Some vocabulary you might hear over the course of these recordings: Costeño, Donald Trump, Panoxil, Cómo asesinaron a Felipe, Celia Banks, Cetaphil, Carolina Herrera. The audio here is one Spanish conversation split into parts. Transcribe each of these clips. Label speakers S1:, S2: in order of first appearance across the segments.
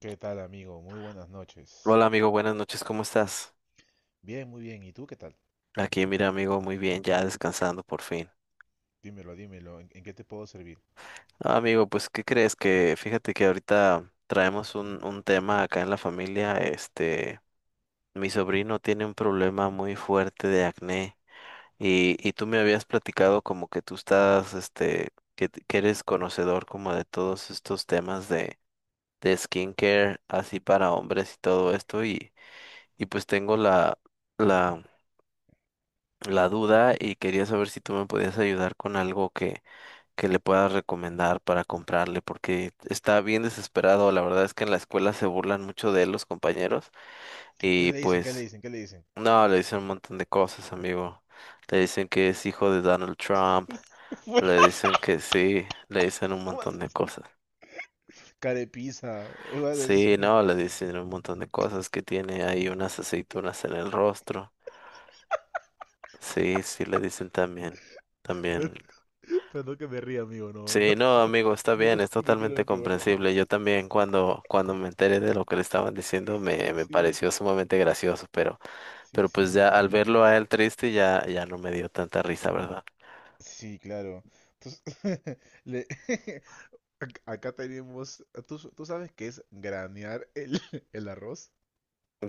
S1: ¿Qué tal, amigo? Muy buenas noches.
S2: Hola amigo, buenas noches, ¿cómo estás?
S1: Bien, muy bien. ¿Y tú qué tal?
S2: Aquí mira amigo, muy bien, ya descansando por fin.
S1: Dímelo, dímelo. ¿En qué te puedo servir?
S2: Ah, amigo, pues ¿qué crees? Que fíjate que ahorita traemos un tema acá en la familia, este, mi sobrino tiene un problema muy fuerte de acné y tú me habías platicado como que tú estás, este, que eres conocedor como de todos estos temas de skincare, así para hombres y todo esto y pues tengo la la duda y quería saber si tú me podías ayudar con algo que le puedas recomendar para comprarle, porque está bien desesperado. La verdad es que en la escuela se burlan mucho de él los compañeros
S1: ¿Qué
S2: y
S1: le dicen? ¿Qué le
S2: pues
S1: dicen? ¿Qué le dicen?
S2: no, le dicen un montón de cosas, amigo. Le dicen que es hijo de Donald Trump,
S1: Fue-
S2: le dicen que sí, le dicen un
S1: ¿Cómo así?
S2: montón de cosas.
S1: Carepiza. Es más
S2: Sí,
S1: así.
S2: no, le dicen un montón de cosas que tiene ahí unas aceitunas en el rostro. Sí, sí, le dicen también, también.
S1: Pero, no que me ría, amigo. No, no.
S2: Sí, no, amigo, está bien,
S1: No,
S2: es
S1: no
S2: totalmente
S1: quiero que burlar.
S2: comprensible. Yo también cuando me enteré de lo que le estaban diciendo me
S1: Sí,
S2: pareció sumamente gracioso,
S1: sí,
S2: pero
S1: sí.
S2: pues ya al verlo a él triste ya, ya no me dio tanta risa, ¿verdad?
S1: Sí, claro. Entonces, le- acá tenemos... ¿Tú sabes qué es granear el arroz?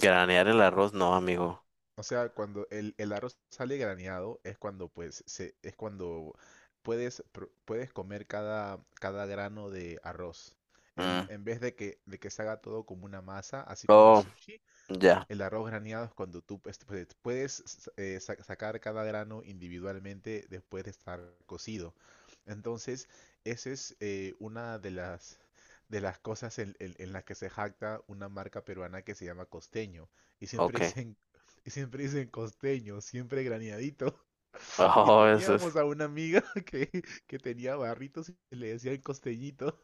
S2: Granear el arroz, no, amigo.
S1: O sea, cuando el arroz sale graneado es cuando es cuando puedes comer cada grano de arroz. En,
S2: Mm.
S1: en vez de que se haga todo como una masa, así como el
S2: Oh,
S1: sushi,
S2: ya,
S1: el arroz graneado es cuando tú sacar cada grano individualmente después de estar cocido. Entonces, esa es una de las cosas en las que se jacta una marca peruana que se llama Costeño. Y siempre
S2: ok.
S1: dicen, y siempre dicen Costeño, siempre graneadito. Y
S2: Oh, eso es
S1: teníamos a una amiga que tenía barritos y le decían costeñito,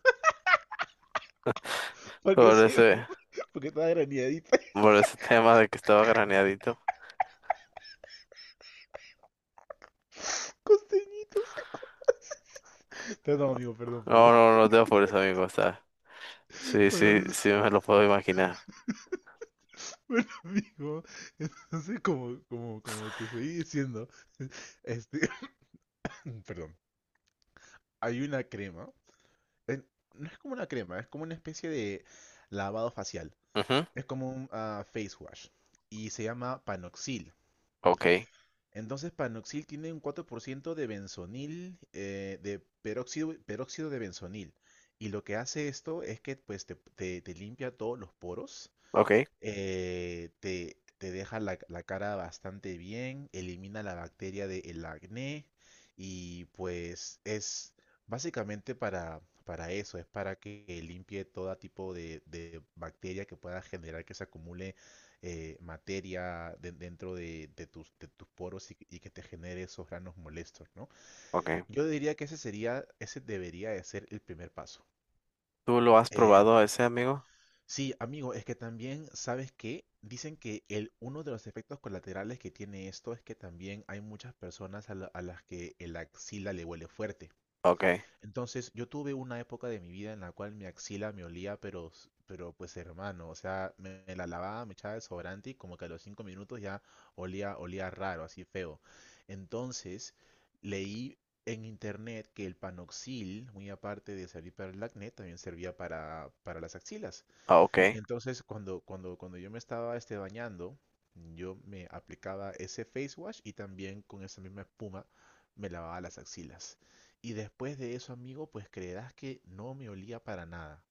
S1: porque
S2: por
S1: siempre,
S2: ese,
S1: porque estaba graneadita,
S2: por ese tema de que estaba graneadito.
S1: costeñito. Perdón, amigo, perdón,
S2: No,
S1: perdón.
S2: no, no te apures, amigo, está. Sí,
S1: Bueno,
S2: sí,
S1: listo.
S2: sí me lo puedo imaginar.
S1: Bueno, amigo, entonces como te seguí diciendo, este, perdón, hay una crema, eh, no es como una crema, es como una especie de lavado facial,
S2: Ujú,
S1: es como un face wash y se llama Panoxil.
S2: ok,
S1: Entonces Panoxil tiene un 4% de benzonil, de peróxido de benzonil, y lo que hace esto es que pues te limpia todos los poros,
S2: ok,
S1: te deja la cara bastante bien, elimina la bacteria del acné y pues es básicamente para eso, es para que limpie todo tipo de bacteria que pueda generar que se acumule dentro de tus poros, y que te genere esos granos molestos, ¿no?
S2: ok.
S1: Yo diría que ese debería de ser el primer paso.
S2: ¿Tú lo has probado a ese, amigo?
S1: Sí, amigo, es que también, ¿sabes qué? Dicen que uno de los efectos colaterales que tiene esto es que también hay muchas personas a las que el axila le huele fuerte.
S2: Ok,
S1: Entonces, yo tuve una época de mi vida en la cual mi axila me olía, pero, pero pues hermano, o sea, me la lavaba, me echaba desodorante y como que a los 5 minutos ya olía raro, así feo. Entonces, leí en internet que el panoxil, muy aparte de servir para el acné, también servía para las axilas.
S2: ah, ok.
S1: Entonces, cuando yo me estaba bañando, yo me aplicaba ese face wash y también con esa misma espuma me lavaba las axilas. Y después de eso, amigo, pues creerás que no me olía para nada.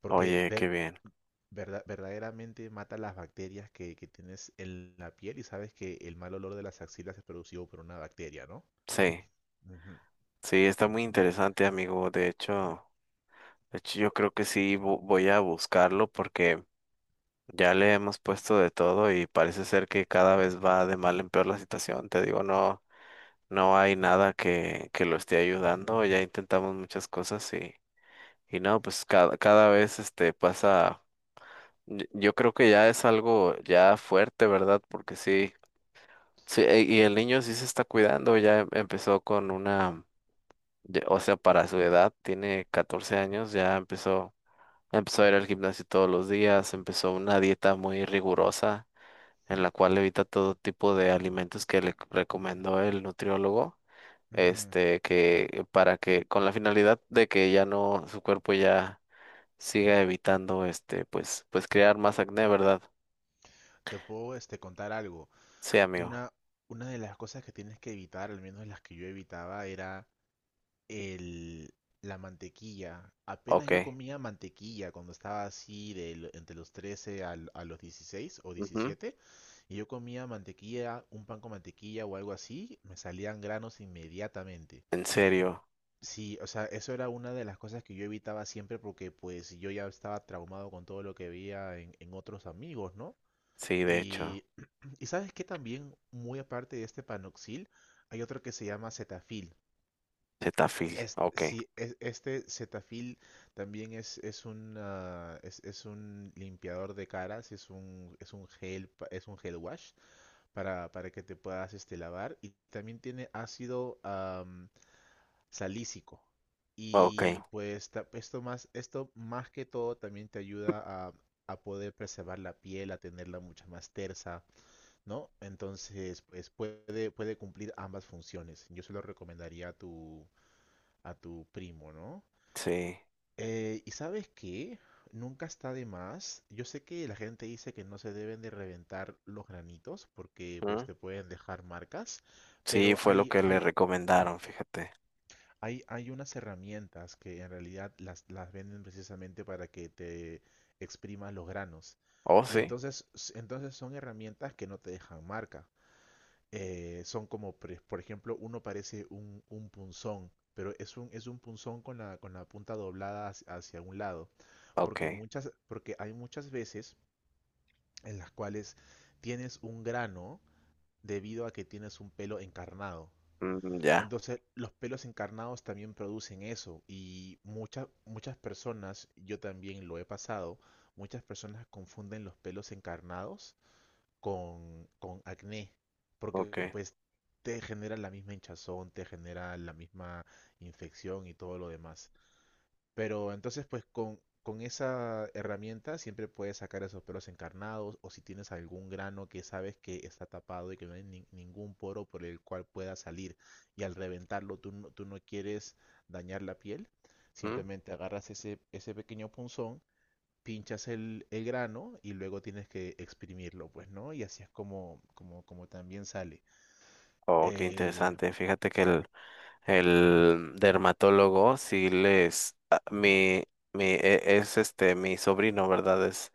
S1: Porque
S2: Oye, qué bien.
S1: verdaderamente mata las bacterias que tienes en la piel, y sabes que el mal olor de las axilas es producido por una bacteria, ¿no?
S2: Sí,
S1: Ujú,
S2: sí, está muy interesante, amigo. De hecho, yo creo que sí voy a buscarlo porque ya le hemos puesto de todo y parece ser que cada vez va de mal en peor la situación. Te digo, no, no hay nada que lo esté ayudando. Ya intentamos muchas cosas y no, pues cada, cada vez este pasa. Yo creo que ya es algo ya fuerte, ¿verdad? Porque sí. Sí, y el niño sí se está cuidando, ya empezó con una. O sea, para su edad, tiene 14 años, ya empezó, empezó a ir al gimnasio todos los días, empezó una dieta muy rigurosa en la cual evita todo tipo de alimentos que le recomendó el nutriólogo,
S1: ujú.
S2: este, que para que, con la finalidad de que ya no, su cuerpo ya siga evitando, este, pues, pues crear más acné, ¿verdad?
S1: Te puedo contar algo.
S2: Sí, amigo.
S1: Una, una de las cosas que tienes que evitar, al menos las que yo evitaba, era el, la mantequilla. Apenas
S2: Ok.
S1: yo comía mantequilla cuando estaba así de entre los 13 a los 16 o
S2: Ujú.
S1: 17. Y yo comía mantequilla, un pan con mantequilla o algo así, me salían granos inmediatamente.
S2: En serio.
S1: Sí, o sea, eso era una de las cosas que yo evitaba siempre porque pues yo ya estaba traumado con todo lo que veía en otros amigos, ¿no?
S2: Sí, de hecho.
S1: Y, y sabes que también, muy aparte de este panoxil, hay otro que se llama cetafil.
S2: Cetaphil.
S1: Es,
S2: Ok.
S1: sí, es- este Cetaphil también es un es un limpiador de caras, es un es un gel wash para que te puedas lavar, y también tiene ácido salícico. Y
S2: Ok.
S1: pues esto más que todo también te ayuda a poder preservar la piel, a tenerla mucho más tersa, ¿no? Entonces, pues puede cumplir ambas funciones. Yo se lo recomendaría a tu primo, ¿no?
S2: Sí.
S1: ¿Y sabes qué? Nunca está de más. Yo sé que la gente dice que no se deben de reventar los granitos porque pues te pueden dejar marcas,
S2: Sí,
S1: pero
S2: fue lo que le recomendaron, fíjate.
S1: hay unas herramientas que en realidad las venden precisamente para que te exprimas los granos.
S2: Oh,
S1: Y
S2: sí.
S1: entonces, entonces son herramientas que no te dejan marca. Son como, por ejemplo, uno parece un punzón, pero es un punzón con con la punta doblada hacia un lado,
S2: Ok.
S1: porque porque hay muchas veces en las cuales tienes un grano debido a que tienes un pelo encarnado.
S2: Mm, ya.
S1: Entonces, los pelos encarnados también producen eso y muchas muchas personas, yo también lo he pasado, muchas personas confunden los pelos encarnados con acné, porque
S2: Ok.
S1: pues te genera la misma hinchazón, te genera la misma infección y todo lo demás. Pero entonces, pues con esa herramienta siempre puedes sacar esos pelos encarnados, o si tienes algún grano que sabes que está tapado y que no hay ningún poro por el cual pueda salir y al reventarlo tú no quieres dañar la piel,
S2: Mm.
S1: simplemente agarras ese pequeño punzón, pinchas el grano y luego tienes que exprimirlo, pues, ¿no? Y así es como también sale.
S2: Oh, qué
S1: Eh,
S2: interesante. Fíjate que el dermatólogo sí les... ah, Mi, es este, mi sobrino, ¿verdad?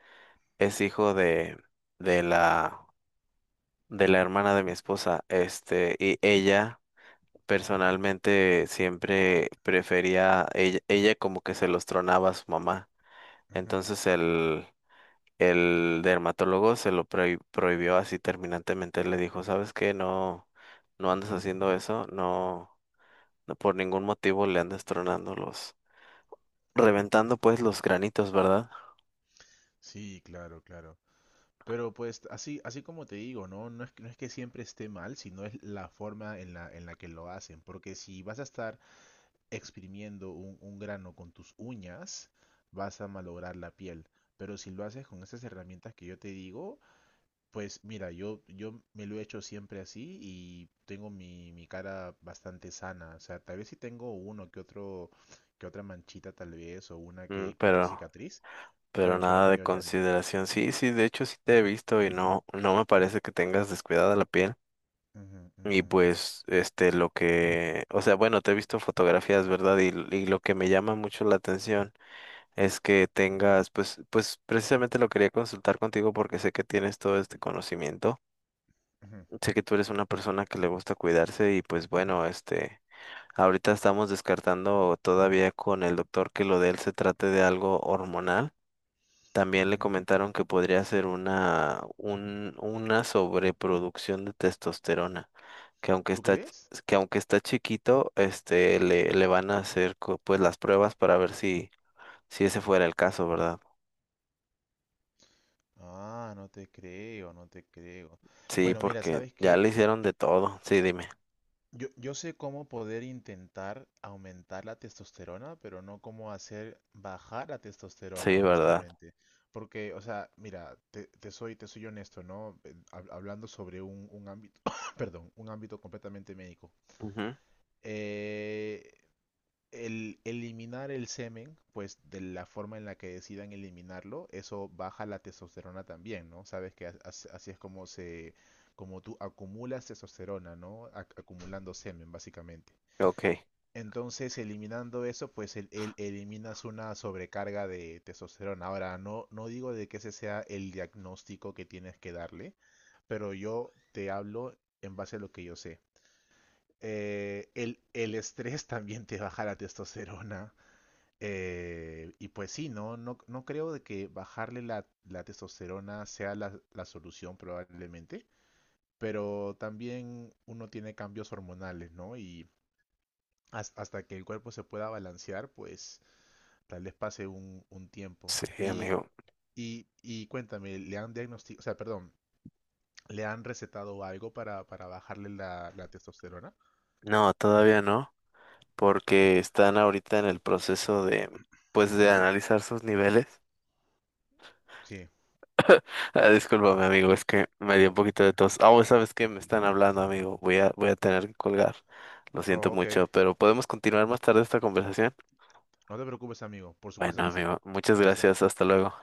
S2: Es hijo de la, de la hermana de mi esposa. Este, y ella personalmente siempre prefería, ella como que se los tronaba a su mamá.
S1: ujú.
S2: Entonces el... El dermatólogo se lo prohibió así terminantemente. Le dijo, ¿sabes qué? No, no andes haciendo eso, no, no por ningún motivo le andes tronando los, reventando pues los granitos, ¿verdad?
S1: Sí, claro, claro. Pero pues así como te digo, ¿no? No es que siempre esté mal, sino es la forma en la que lo hacen. Porque si vas a estar exprimiendo un grano con tus uñas, vas a malograr la piel. Pero si lo haces con esas herramientas que yo te digo, pues mira, yo me lo he hecho siempre así y tengo mi cara bastante sana. O sea, tal vez si tengo uno que otro, que otra manchita tal vez, o una
S2: Mm,
S1: que otra cicatriz, pero
S2: pero
S1: en su gran
S2: nada de
S1: mayoría no.
S2: consideración. Sí, sí, de hecho sí te he visto y no, no me parece que tengas descuidada la piel.
S1: Ujú,
S2: Y
S1: ujú,
S2: pues, este, lo que, o sea, bueno, te he visto fotografías, ¿verdad? Y lo que me llama mucho la atención es que tengas, pues, pues precisamente lo quería consultar contigo porque sé que tienes todo este conocimiento.
S1: ujú,
S2: Sé que tú eres una persona que le gusta cuidarse y pues bueno, este, ahorita estamos descartando todavía con el doctor que lo de él se trate de algo hormonal. También le
S1: ujú.
S2: comentaron que podría ser una, un, una sobreproducción de testosterona, que aunque
S1: ¿Tú crees?
S2: que aunque está chiquito, este, le van a hacer co- pues las pruebas para ver si, si ese fuera el caso, ¿verdad?
S1: Ah, no te creo, no te creo.
S2: Sí,
S1: Bueno, mira,
S2: porque
S1: ¿sabes
S2: ya
S1: qué?
S2: le hicieron de todo. Sí, dime.
S1: Yo sé cómo poder intentar aumentar la testosterona, pero no cómo hacer bajar la testosterona,
S2: Sí, ¿verdad?
S1: honestamente. Porque, o sea, mira, te soy honesto, ¿no? Hablando sobre un ámbito, perdón, un ámbito completamente médico.
S2: Ujú.
S1: Eh, El eliminar el semen, pues de la forma en la que decidan eliminarlo, eso baja la testosterona también, ¿no? Sabes que así es como como tú acumulas testosterona, ¿no? Acumulando semen, básicamente.
S2: Ok.
S1: Entonces, eliminando eso, pues eliminas una sobrecarga de testosterona. Ahora, no digo de que ese sea el diagnóstico que tienes que darle, pero yo te hablo en base a lo que yo sé. El estrés también te baja la testosterona. Y pues sí, no creo de que bajarle la testosterona sea la solución probablemente, pero también uno tiene cambios hormonales, ¿no? Y hasta que el cuerpo se pueda balancear, pues tal vez pase un tiempo.
S2: Sí,
S1: Y,
S2: amigo.
S1: y cuéntame, ¿le han diagnosticado? O sea, perdón, ¿le han recetado algo para bajarle la testosterona?
S2: No, todavía no, porque están ahorita en el proceso de, pues, de analizar sus niveles.
S1: Sí,
S2: Ah, discúlpame, amigo, es que me
S1: no,
S2: dio
S1: no,
S2: un poquito de
S1: tranquilo,
S2: tos. Ah, pues, ¿sabes qué? Me
S1: tranquilo.
S2: están hablando, amigo. Voy a, voy a tener que colgar. Lo siento
S1: Oh, ok,
S2: mucho, pero podemos continuar más tarde esta conversación.
S1: no te preocupes, amigo, por supuesto
S2: Bueno,
S1: que sí.
S2: amigo, muchas
S1: Listo.
S2: gracias. Hasta luego.